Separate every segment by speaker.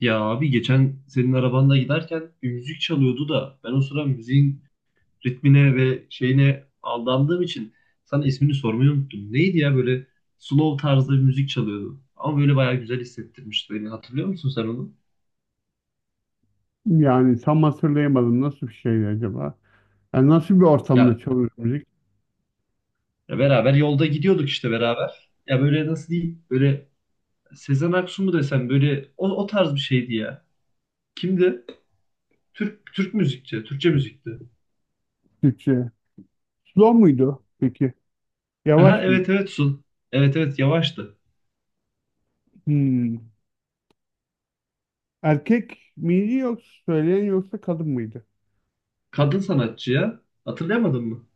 Speaker 1: Ya abi geçen senin arabanda giderken bir müzik çalıyordu da ben o sıra müziğin ritmine ve şeyine aldandığım için sana ismini sormayı unuttum. Neydi ya böyle slow tarzda bir müzik çalıyordu. Ama böyle bayağı güzel hissettirmişti beni. Hatırlıyor musun sen onu?
Speaker 2: Yani tam hatırlayamadım, nasıl bir şeydi acaba? Yani nasıl bir ortamda
Speaker 1: Ya,
Speaker 2: çalıyor müzik?
Speaker 1: ya beraber yolda gidiyorduk işte beraber. Ya böyle nasıl diyeyim? Böyle Sezen Aksu mu desem böyle o tarz bir şeydi ya. Kimdi? Türk müzikçi, Türkçe müzikti.
Speaker 2: Türkçe. Slow muydu peki?
Speaker 1: Aha,
Speaker 2: Yavaş mıydı?
Speaker 1: evet evet Sun. Evet evet yavaştı.
Speaker 2: Hmm. Erkek miydi yoksa söyleyen, yoksa kadın mıydı?
Speaker 1: Kadın sanatçıya hatırlayamadın mı?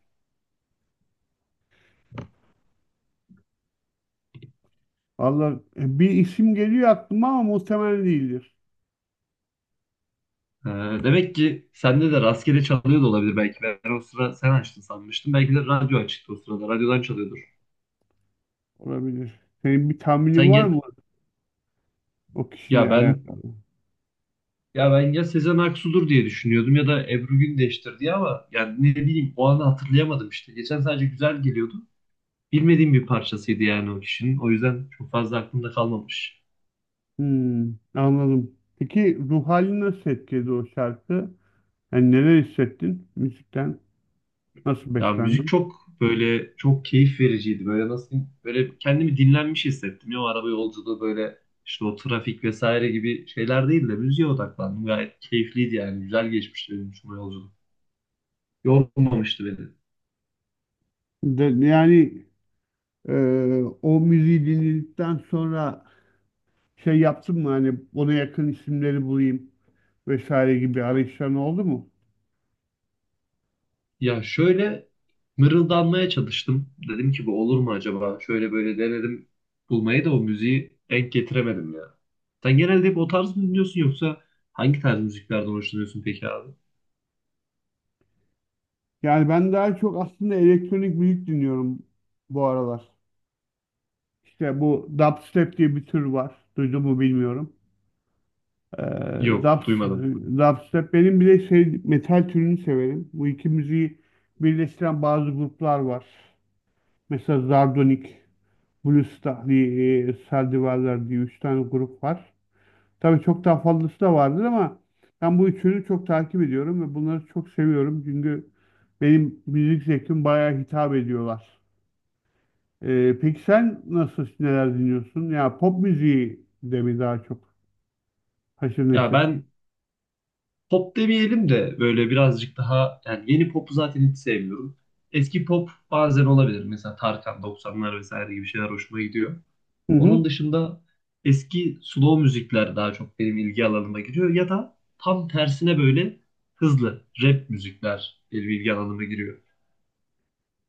Speaker 2: Allah, bir isim geliyor aklıma ama muhtemelen değildir.
Speaker 1: Ha, demek ki sende de rastgele çalıyor da olabilir belki. Ben o sıra sen açtın sanmıştım. Belki de radyo açıktı o sırada. Radyodan çalıyordur.
Speaker 2: Olabilir. Senin bir tahminin
Speaker 1: Sen
Speaker 2: var
Speaker 1: gel,
Speaker 2: mı o
Speaker 1: ya
Speaker 2: kişiyle
Speaker 1: ben
Speaker 2: alakalı?
Speaker 1: ya ben ya Sezen Aksu'dur diye düşünüyordum ya da Ebru Gündeş'tir diye ama yani ne bileyim o anı hatırlayamadım işte. Geçen sadece güzel geliyordu. Bilmediğim bir parçasıydı yani o kişinin. O yüzden çok fazla aklımda kalmamış.
Speaker 2: Hmm, anladım. Peki ruh halini nasıl etkiledi o şarkı? Yani neler hissettin müzikten? Nasıl
Speaker 1: Ya müzik
Speaker 2: beslendin?
Speaker 1: çok böyle çok keyif vericiydi. Böyle nasıl diyeyim, böyle kendimi dinlenmiş hissettim. Ya o araba yolculuğu böyle işte o trafik vesaire gibi şeyler değil de müziğe odaklandım. Gayet keyifliydi yani. Güzel geçmişti benim için o yolculuk. Yormamıştı beni.
Speaker 2: De, yani O müziği dinledikten sonra şey yaptın mı, hani ona yakın isimleri bulayım vesaire gibi arayışların oldu mu?
Speaker 1: Ya şöyle mırıldanmaya çalıştım. Dedim ki bu olur mu acaba? Şöyle böyle denedim bulmayı da o müziği denk getiremedim ya. Sen genelde hep o tarz mı dinliyorsun yoksa hangi tarz müziklerden hoşlanıyorsun peki abi?
Speaker 2: Yani ben daha çok aslında elektronik müzik dinliyorum bu aralar. İşte bu dubstep diye bir tür var. Duydun mu bilmiyorum. Ee,
Speaker 1: Yok,
Speaker 2: rap,
Speaker 1: duymadım.
Speaker 2: rap. Benim bir de şey, metal türünü severim. Bu iki müziği birleştiren bazı gruplar var. Mesela Zardonik, Bluestar diye, Sardivarlar diye üç tane grup var. Tabii çok daha fazlası da vardır ama ben bu üçünü çok takip ediyorum ve bunları çok seviyorum. Çünkü benim müzik zevkim bayağı hitap ediyorlar. Peki sen nasıl, neler dinliyorsun? Ya pop müziği de mi daha çok haşır
Speaker 1: Ya
Speaker 2: neşirsin?
Speaker 1: ben pop demeyelim de böyle birazcık daha yani yeni popu zaten hiç sevmiyorum. Eski pop bazen olabilir. Mesela Tarkan 90'lar vesaire gibi şeyler hoşuma gidiyor.
Speaker 2: Hı
Speaker 1: Onun
Speaker 2: hı.
Speaker 1: dışında eski slow müzikler daha çok benim ilgi alanıma giriyor ya da tam tersine böyle hızlı rap müzikler benim ilgi alanıma giriyor.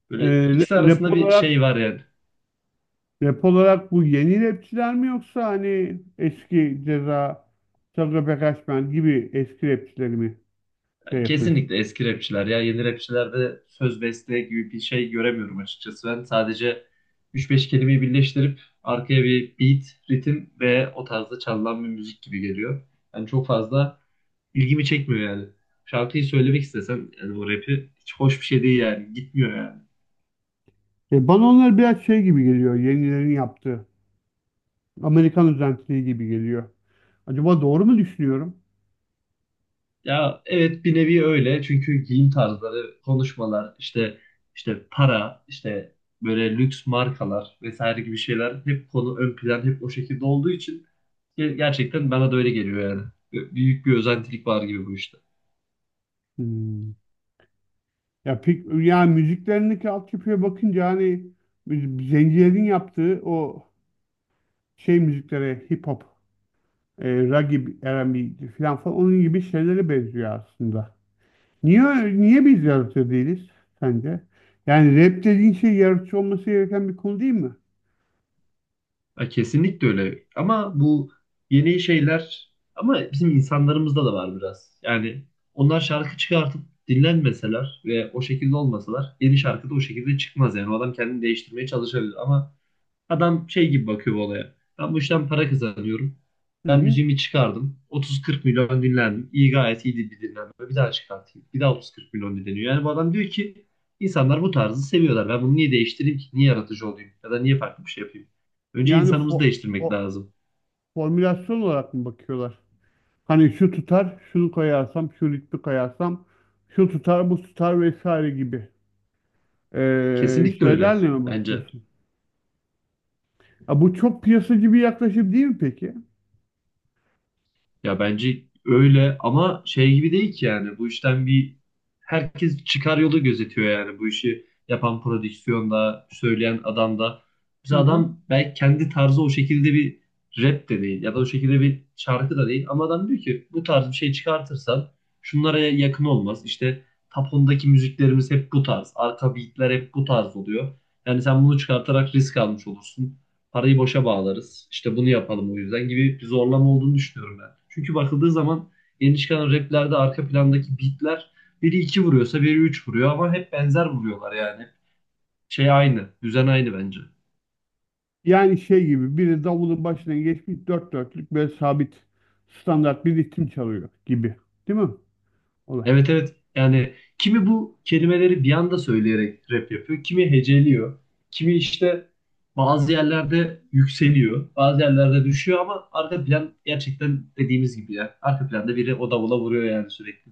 Speaker 1: Böyle
Speaker 2: Ee,
Speaker 1: ikisi
Speaker 2: rap
Speaker 1: arasında bir
Speaker 2: olarak
Speaker 1: şey var yani.
Speaker 2: Rap olarak bu yeni rapçiler mi, yoksa hani eski Ceza, Sagopa Kajmer gibi eski rapçileri mi şey yapıyorsun?
Speaker 1: Kesinlikle eski rapçiler ya yeni rapçilerde söz beste gibi bir şey göremiyorum açıkçası ben. Sadece üç beş kelimeyi birleştirip arkaya bir beat, ritim ve o tarzda çalınan bir müzik gibi geliyor. Yani çok fazla ilgimi çekmiyor yani. Şarkıyı söylemek istesem yani bu rapi hiç hoş bir şey değil yani gitmiyor yani.
Speaker 2: E bana onlar biraz şey gibi geliyor, yenilerin yaptığı. Amerikan özentiliği gibi geliyor. Acaba doğru mu düşünüyorum?
Speaker 1: Ya evet bir nevi öyle çünkü giyim tarzları, konuşmalar, işte para, işte böyle lüks markalar vesaire gibi şeyler hep konu ön plan hep o şekilde olduğu için gerçekten bana da öyle geliyor yani. Büyük bir özentilik var gibi bu işte.
Speaker 2: Hmm. Ya pek, yani müziklerindeki altyapıya bakınca hani zencilerin yaptığı o şey müziklere, hip hop, ragib, R&B falan falan onun gibi şeylere benziyor aslında. Niye niye biz yaratıcı değiliz sence? Yani rap dediğin şey yaratıcı olması gereken bir konu değil mi?
Speaker 1: Ya kesinlikle öyle. Ama bu yeni şeyler ama bizim insanlarımızda da var biraz. Yani onlar şarkı çıkartıp dinlenmeseler ve o şekilde olmasalar yeni şarkı da o şekilde çıkmaz. Yani o adam kendini değiştirmeye çalışabilir ama adam şey gibi bakıyor bu olaya. Ben bu işten para kazanıyorum.
Speaker 2: Hı
Speaker 1: Ben
Speaker 2: hı.
Speaker 1: müziğimi çıkardım. 30-40 milyon dinlendim. İyi gayet iyiydi bir dinlenme. Bir daha çıkartayım. Bir daha 30-40 milyon dinleniyor. Yani bu adam diyor ki insanlar bu tarzı seviyorlar. Ben bunu niye değiştireyim ki? Niye yaratıcı olayım? Ya da niye farklı bir şey yapayım? Önce
Speaker 2: Yani
Speaker 1: insanımızı
Speaker 2: fo-
Speaker 1: değiştirmek
Speaker 2: fo-
Speaker 1: lazım.
Speaker 2: formülasyon olarak mı bakıyorlar? Hani şu tutar, şunu koyarsam, şu ritmi koyarsam, şu tutar, bu tutar vesaire gibi
Speaker 1: Kesinlikle öyle
Speaker 2: şeylerle mi
Speaker 1: bence.
Speaker 2: bakıyorsun? Ya bu çok piyasacı bir yaklaşım değil mi peki?
Speaker 1: Ya bence öyle ama şey gibi değil ki yani bu işten bir herkes çıkar yolu gözetiyor yani bu işi yapan prodüksiyonda söyleyen adam da.
Speaker 2: Hı
Speaker 1: Mesela
Speaker 2: hı.
Speaker 1: adam belki kendi tarzı o şekilde bir rap de değil ya da o şekilde bir şarkı da değil ama adam diyor ki bu tarz bir şey çıkartırsan şunlara yakın olmaz. İşte top 10'daki müziklerimiz hep bu tarz. Arka beatler hep bu tarz oluyor. Yani sen bunu çıkartarak risk almış olursun. Parayı boşa bağlarız. İşte bunu yapalım o yüzden gibi bir zorlama olduğunu düşünüyorum ben. Çünkü bakıldığı zaman yeni çıkan raplerde arka plandaki beatler biri iki vuruyorsa biri üç vuruyor ama hep benzer vuruyorlar yani. Şey aynı, düzen aynı bence.
Speaker 2: Yani şey gibi, biri davulun başına geçmiş dört dörtlük böyle sabit standart bir ritim çalıyor gibi. Değil mi? Olay.
Speaker 1: Evet evet yani kimi bu kelimeleri bir anda söyleyerek rap yapıyor, kimi heceliyor, kimi işte bazı yerlerde yükseliyor, bazı yerlerde düşüyor ama arka plan gerçekten dediğimiz gibi ya. Arka planda biri o davula vuruyor yani sürekli.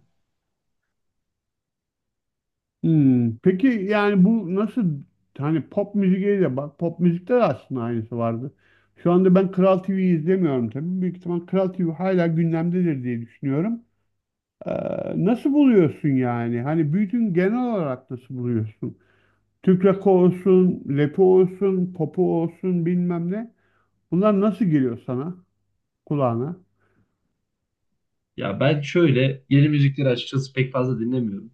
Speaker 2: Hmm. Peki yani bu nasıl, hani pop müziğe de bak, pop müzikte de aslında aynısı vardı. Şu anda ben Kral TV'yi izlemiyorum tabii. Büyük ihtimal Kral TV hala gündemdedir diye düşünüyorum. Ee, nasıl buluyorsun yani? Hani bütün, genel olarak nasıl buluyorsun? Türk rakı olsun, lepo olsun, popo olsun, bilmem ne. Bunlar nasıl geliyor sana, kulağına?
Speaker 1: Ya ben şöyle yeni müzikleri açıkçası pek fazla dinlemiyorum.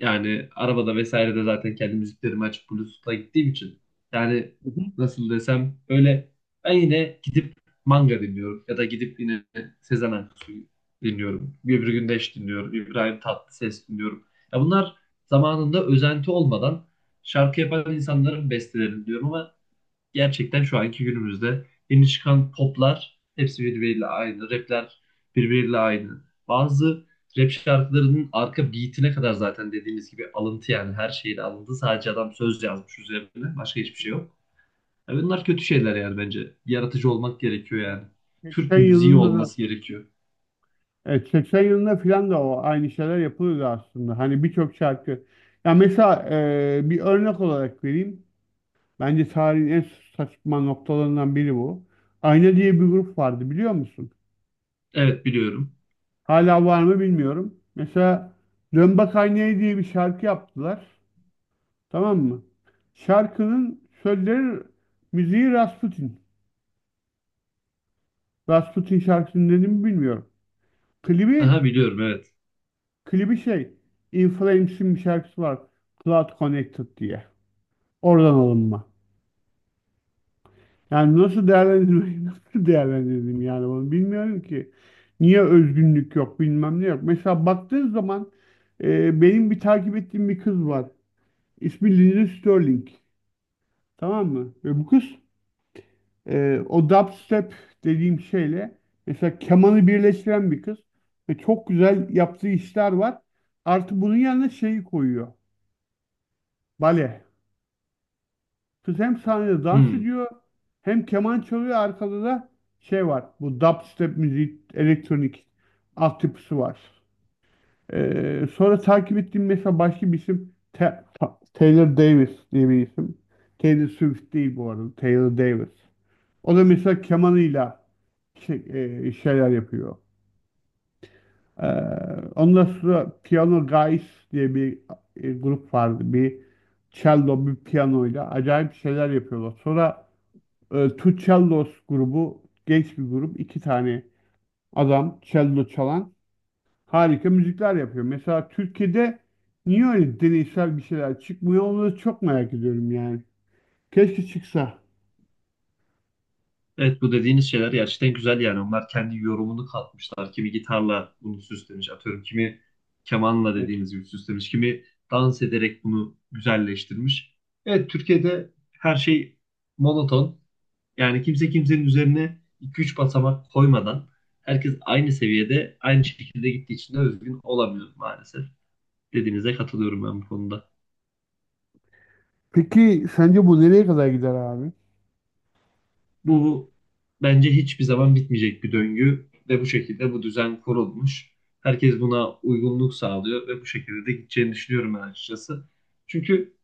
Speaker 1: Yani arabada vesaire de zaten kendi müziklerimi açıp Bluetooth'la gittiğim için. Yani
Speaker 2: Hı hı.
Speaker 1: nasıl desem böyle ben yine gidip manga dinliyorum ya da gidip yine Sezen Aksu'yu dinliyorum. Gübür Gündeş dinliyorum. İbrahim Tatlıses dinliyorum. Ya bunlar zamanında özenti olmadan şarkı yapan insanların bestelerini diyorum ama gerçekten şu anki günümüzde yeni çıkan poplar hepsi birbiriyle aynı. Rapler birbiriyle aynı. Bazı rap şarkılarının arka beatine kadar zaten dediğiniz gibi alıntı yani her şeyin alındı. Sadece adam söz yazmış üzerine. Başka
Speaker 2: Hı
Speaker 1: hiçbir şey
Speaker 2: hı.
Speaker 1: yok. Ya bunlar kötü şeyler yani bence. Yaratıcı olmak gerekiyor
Speaker 2: Ha,
Speaker 1: yani. Türk
Speaker 2: 80
Speaker 1: müziği
Speaker 2: yılında da
Speaker 1: olması gerekiyor.
Speaker 2: evet 80 yılında filan da o aynı şeyler yapılıyordu aslında. Hani birçok şarkı. Ya mesela bir örnek olarak vereyim. Bence tarihin en saçma noktalarından biri bu. Ayna diye bir grup vardı, biliyor musun?
Speaker 1: Evet biliyorum.
Speaker 2: Hala var mı bilmiyorum. Mesela Dön Bak Aynaya diye bir şarkı yaptılar. Tamam mı? Şarkının sözleri, müziği Rasputin. Rasputin şarkısını dedim mi bilmiyorum. Klibi
Speaker 1: Aha biliyorum evet.
Speaker 2: klibi şey, In Flames'in bir şarkısı var. Cloud Connected diye. Oradan alınma. Yani nasıl değerlendirmeyi nasıl değerlendirdim yani, onu bilmiyorum ki. Niye özgünlük yok, bilmem ne yok. Mesela baktığın zaman benim bir takip ettiğim bir kız var. İsmi Lindsey Sterling. Tamam mı? Ve bu kız, o dubstep dediğim şeyle mesela kemanı birleştiren bir kız, ve çok güzel yaptığı işler var. Artı bunun yanına şeyi koyuyor. Bale. Kız hem sahnede dans
Speaker 1: Hmm.
Speaker 2: ediyor, hem keman çalıyor, arkada da şey var, bu dubstep müziği, elektronik altyapısı var. Sonra takip ettiğim mesela başka bir isim, Taylor Davis diye bir isim. Taylor Swift değil bu arada, Taylor Davis. O da mesela kemanıyla şey, şeyler yapıyor. Ee, ondan sonra Piano Guys diye bir grup vardı. Bir cello, bir piyanoyla acayip şeyler yapıyorlar. Sonra Two Cellos grubu, genç bir grup. İki tane adam cello çalan, harika müzikler yapıyor. Mesela Türkiye'de niye öyle deneysel bir şeyler çıkmıyor? Onu da çok merak ediyorum yani. Keşke çıksa.
Speaker 1: Evet bu dediğiniz şeyler gerçekten güzel yani. Onlar kendi yorumunu katmışlar. Kimi gitarla bunu süslemiş. Atıyorum kimi kemanla
Speaker 2: Evet.
Speaker 1: dediğiniz gibi süslemiş. Kimi dans ederek bunu güzelleştirmiş. Evet Türkiye'de her şey monoton. Yani kimse kimsenin üzerine iki üç basamak koymadan herkes aynı seviyede aynı şekilde gittiği için de özgün olamıyor maalesef. Dediğinize katılıyorum ben bu konuda.
Speaker 2: Peki sence bu nereye kadar gider abi?
Speaker 1: Bu bence hiçbir zaman bitmeyecek bir döngü ve bu şekilde bu düzen kurulmuş. Herkes buna uygunluk sağlıyor ve bu şekilde de gideceğini düşünüyorum ben açıkçası. Çünkü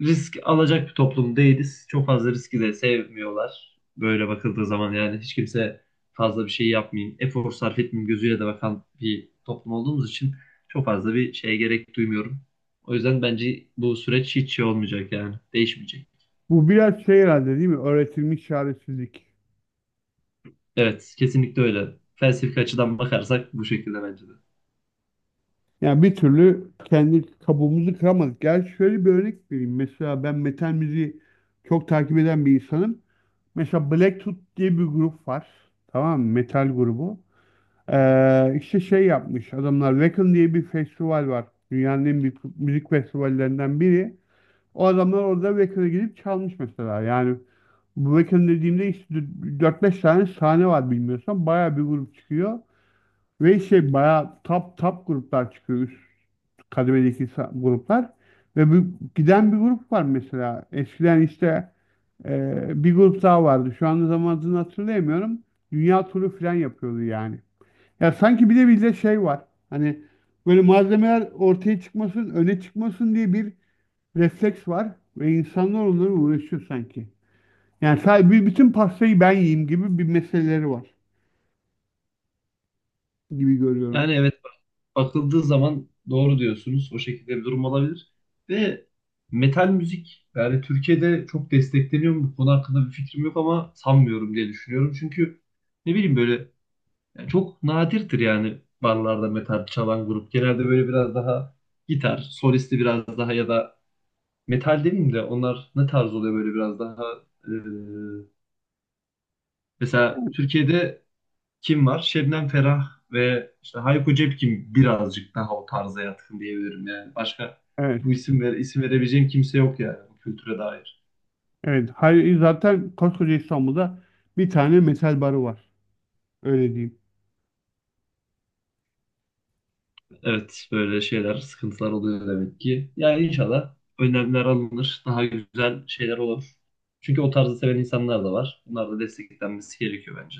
Speaker 1: risk alacak bir toplum değiliz. Çok fazla riski de sevmiyorlar. Böyle bakıldığı zaman yani hiç kimse fazla bir şey yapmayayım, efor sarf etmeyeyim gözüyle de bakan bir toplum olduğumuz için çok fazla bir şeye gerek duymuyorum. O yüzden bence bu süreç hiç şey olmayacak yani değişmeyecek.
Speaker 2: Bu biraz şey herhalde değil mi? Öğretilmiş çaresizlik.
Speaker 1: Evet, kesinlikle öyle. Felsefi açıdan bakarsak bu şekilde bence de.
Speaker 2: Yani bir türlü kendi kabuğumuzu kıramadık. Gel şöyle bir örnek vereyim. Mesela ben metal müziği çok takip eden bir insanım. Mesela Black diye bir grup var. Tamam mı? Metal grubu. İşte şey yapmış adamlar. Wacken diye bir festival var. Dünyanın en büyük müzik festivallerinden biri. O adamlar orada Wacken'a gidip çalmış mesela. Yani bu Wacken dediğimde işte dört beş tane sahne var bilmiyorsan. Bayağı bir grup çıkıyor. Ve şey, bayağı top gruplar çıkıyor, üst kademedeki gruplar. Ve bu, giden bir grup var mesela. Eskiden işte bir grup daha vardı, şu anda tam adını hatırlayamıyorum. Dünya turu falan yapıyordu yani. Ya sanki bir de bizde şey var, hani böyle malzemeler ortaya çıkmasın, öne çıkmasın diye bir refleks var. Ve insanlar onlara uğraşıyor sanki. Yani sadece bütün pastayı ben yiyeyim gibi bir meseleleri var gibi görüyorum.
Speaker 1: Yani evet, bakıldığı zaman doğru diyorsunuz. O şekilde bir durum olabilir. Ve metal müzik yani Türkiye'de çok destekleniyor mu? Bu konu hakkında bir fikrim yok ama sanmıyorum diye düşünüyorum. Çünkü ne bileyim böyle yani çok nadirdir yani barlarda metal çalan grup. Genelde böyle biraz daha gitar, solisti biraz daha ya da metal demeyeyim de onlar ne tarz oluyor böyle biraz daha eee, mesela Türkiye'de kim var? Şebnem Ferah ve işte Hayko Cepkin birazcık daha o tarza yatkın diyebilirim yani. Başka
Speaker 2: Evet.
Speaker 1: bu isim verebileceğim kimse yok yani bu kültüre dair.
Speaker 2: Evet. Hayır, zaten koskoca İstanbul'da bir tane metal barı var. Öyle diyeyim.
Speaker 1: Evet böyle şeyler, sıkıntılar oluyor demek ki. Yani inşallah önlemler alınır, daha güzel şeyler olur. Çünkü o tarzı seven insanlar da var. Bunlar da desteklenmesi gerekiyor bence.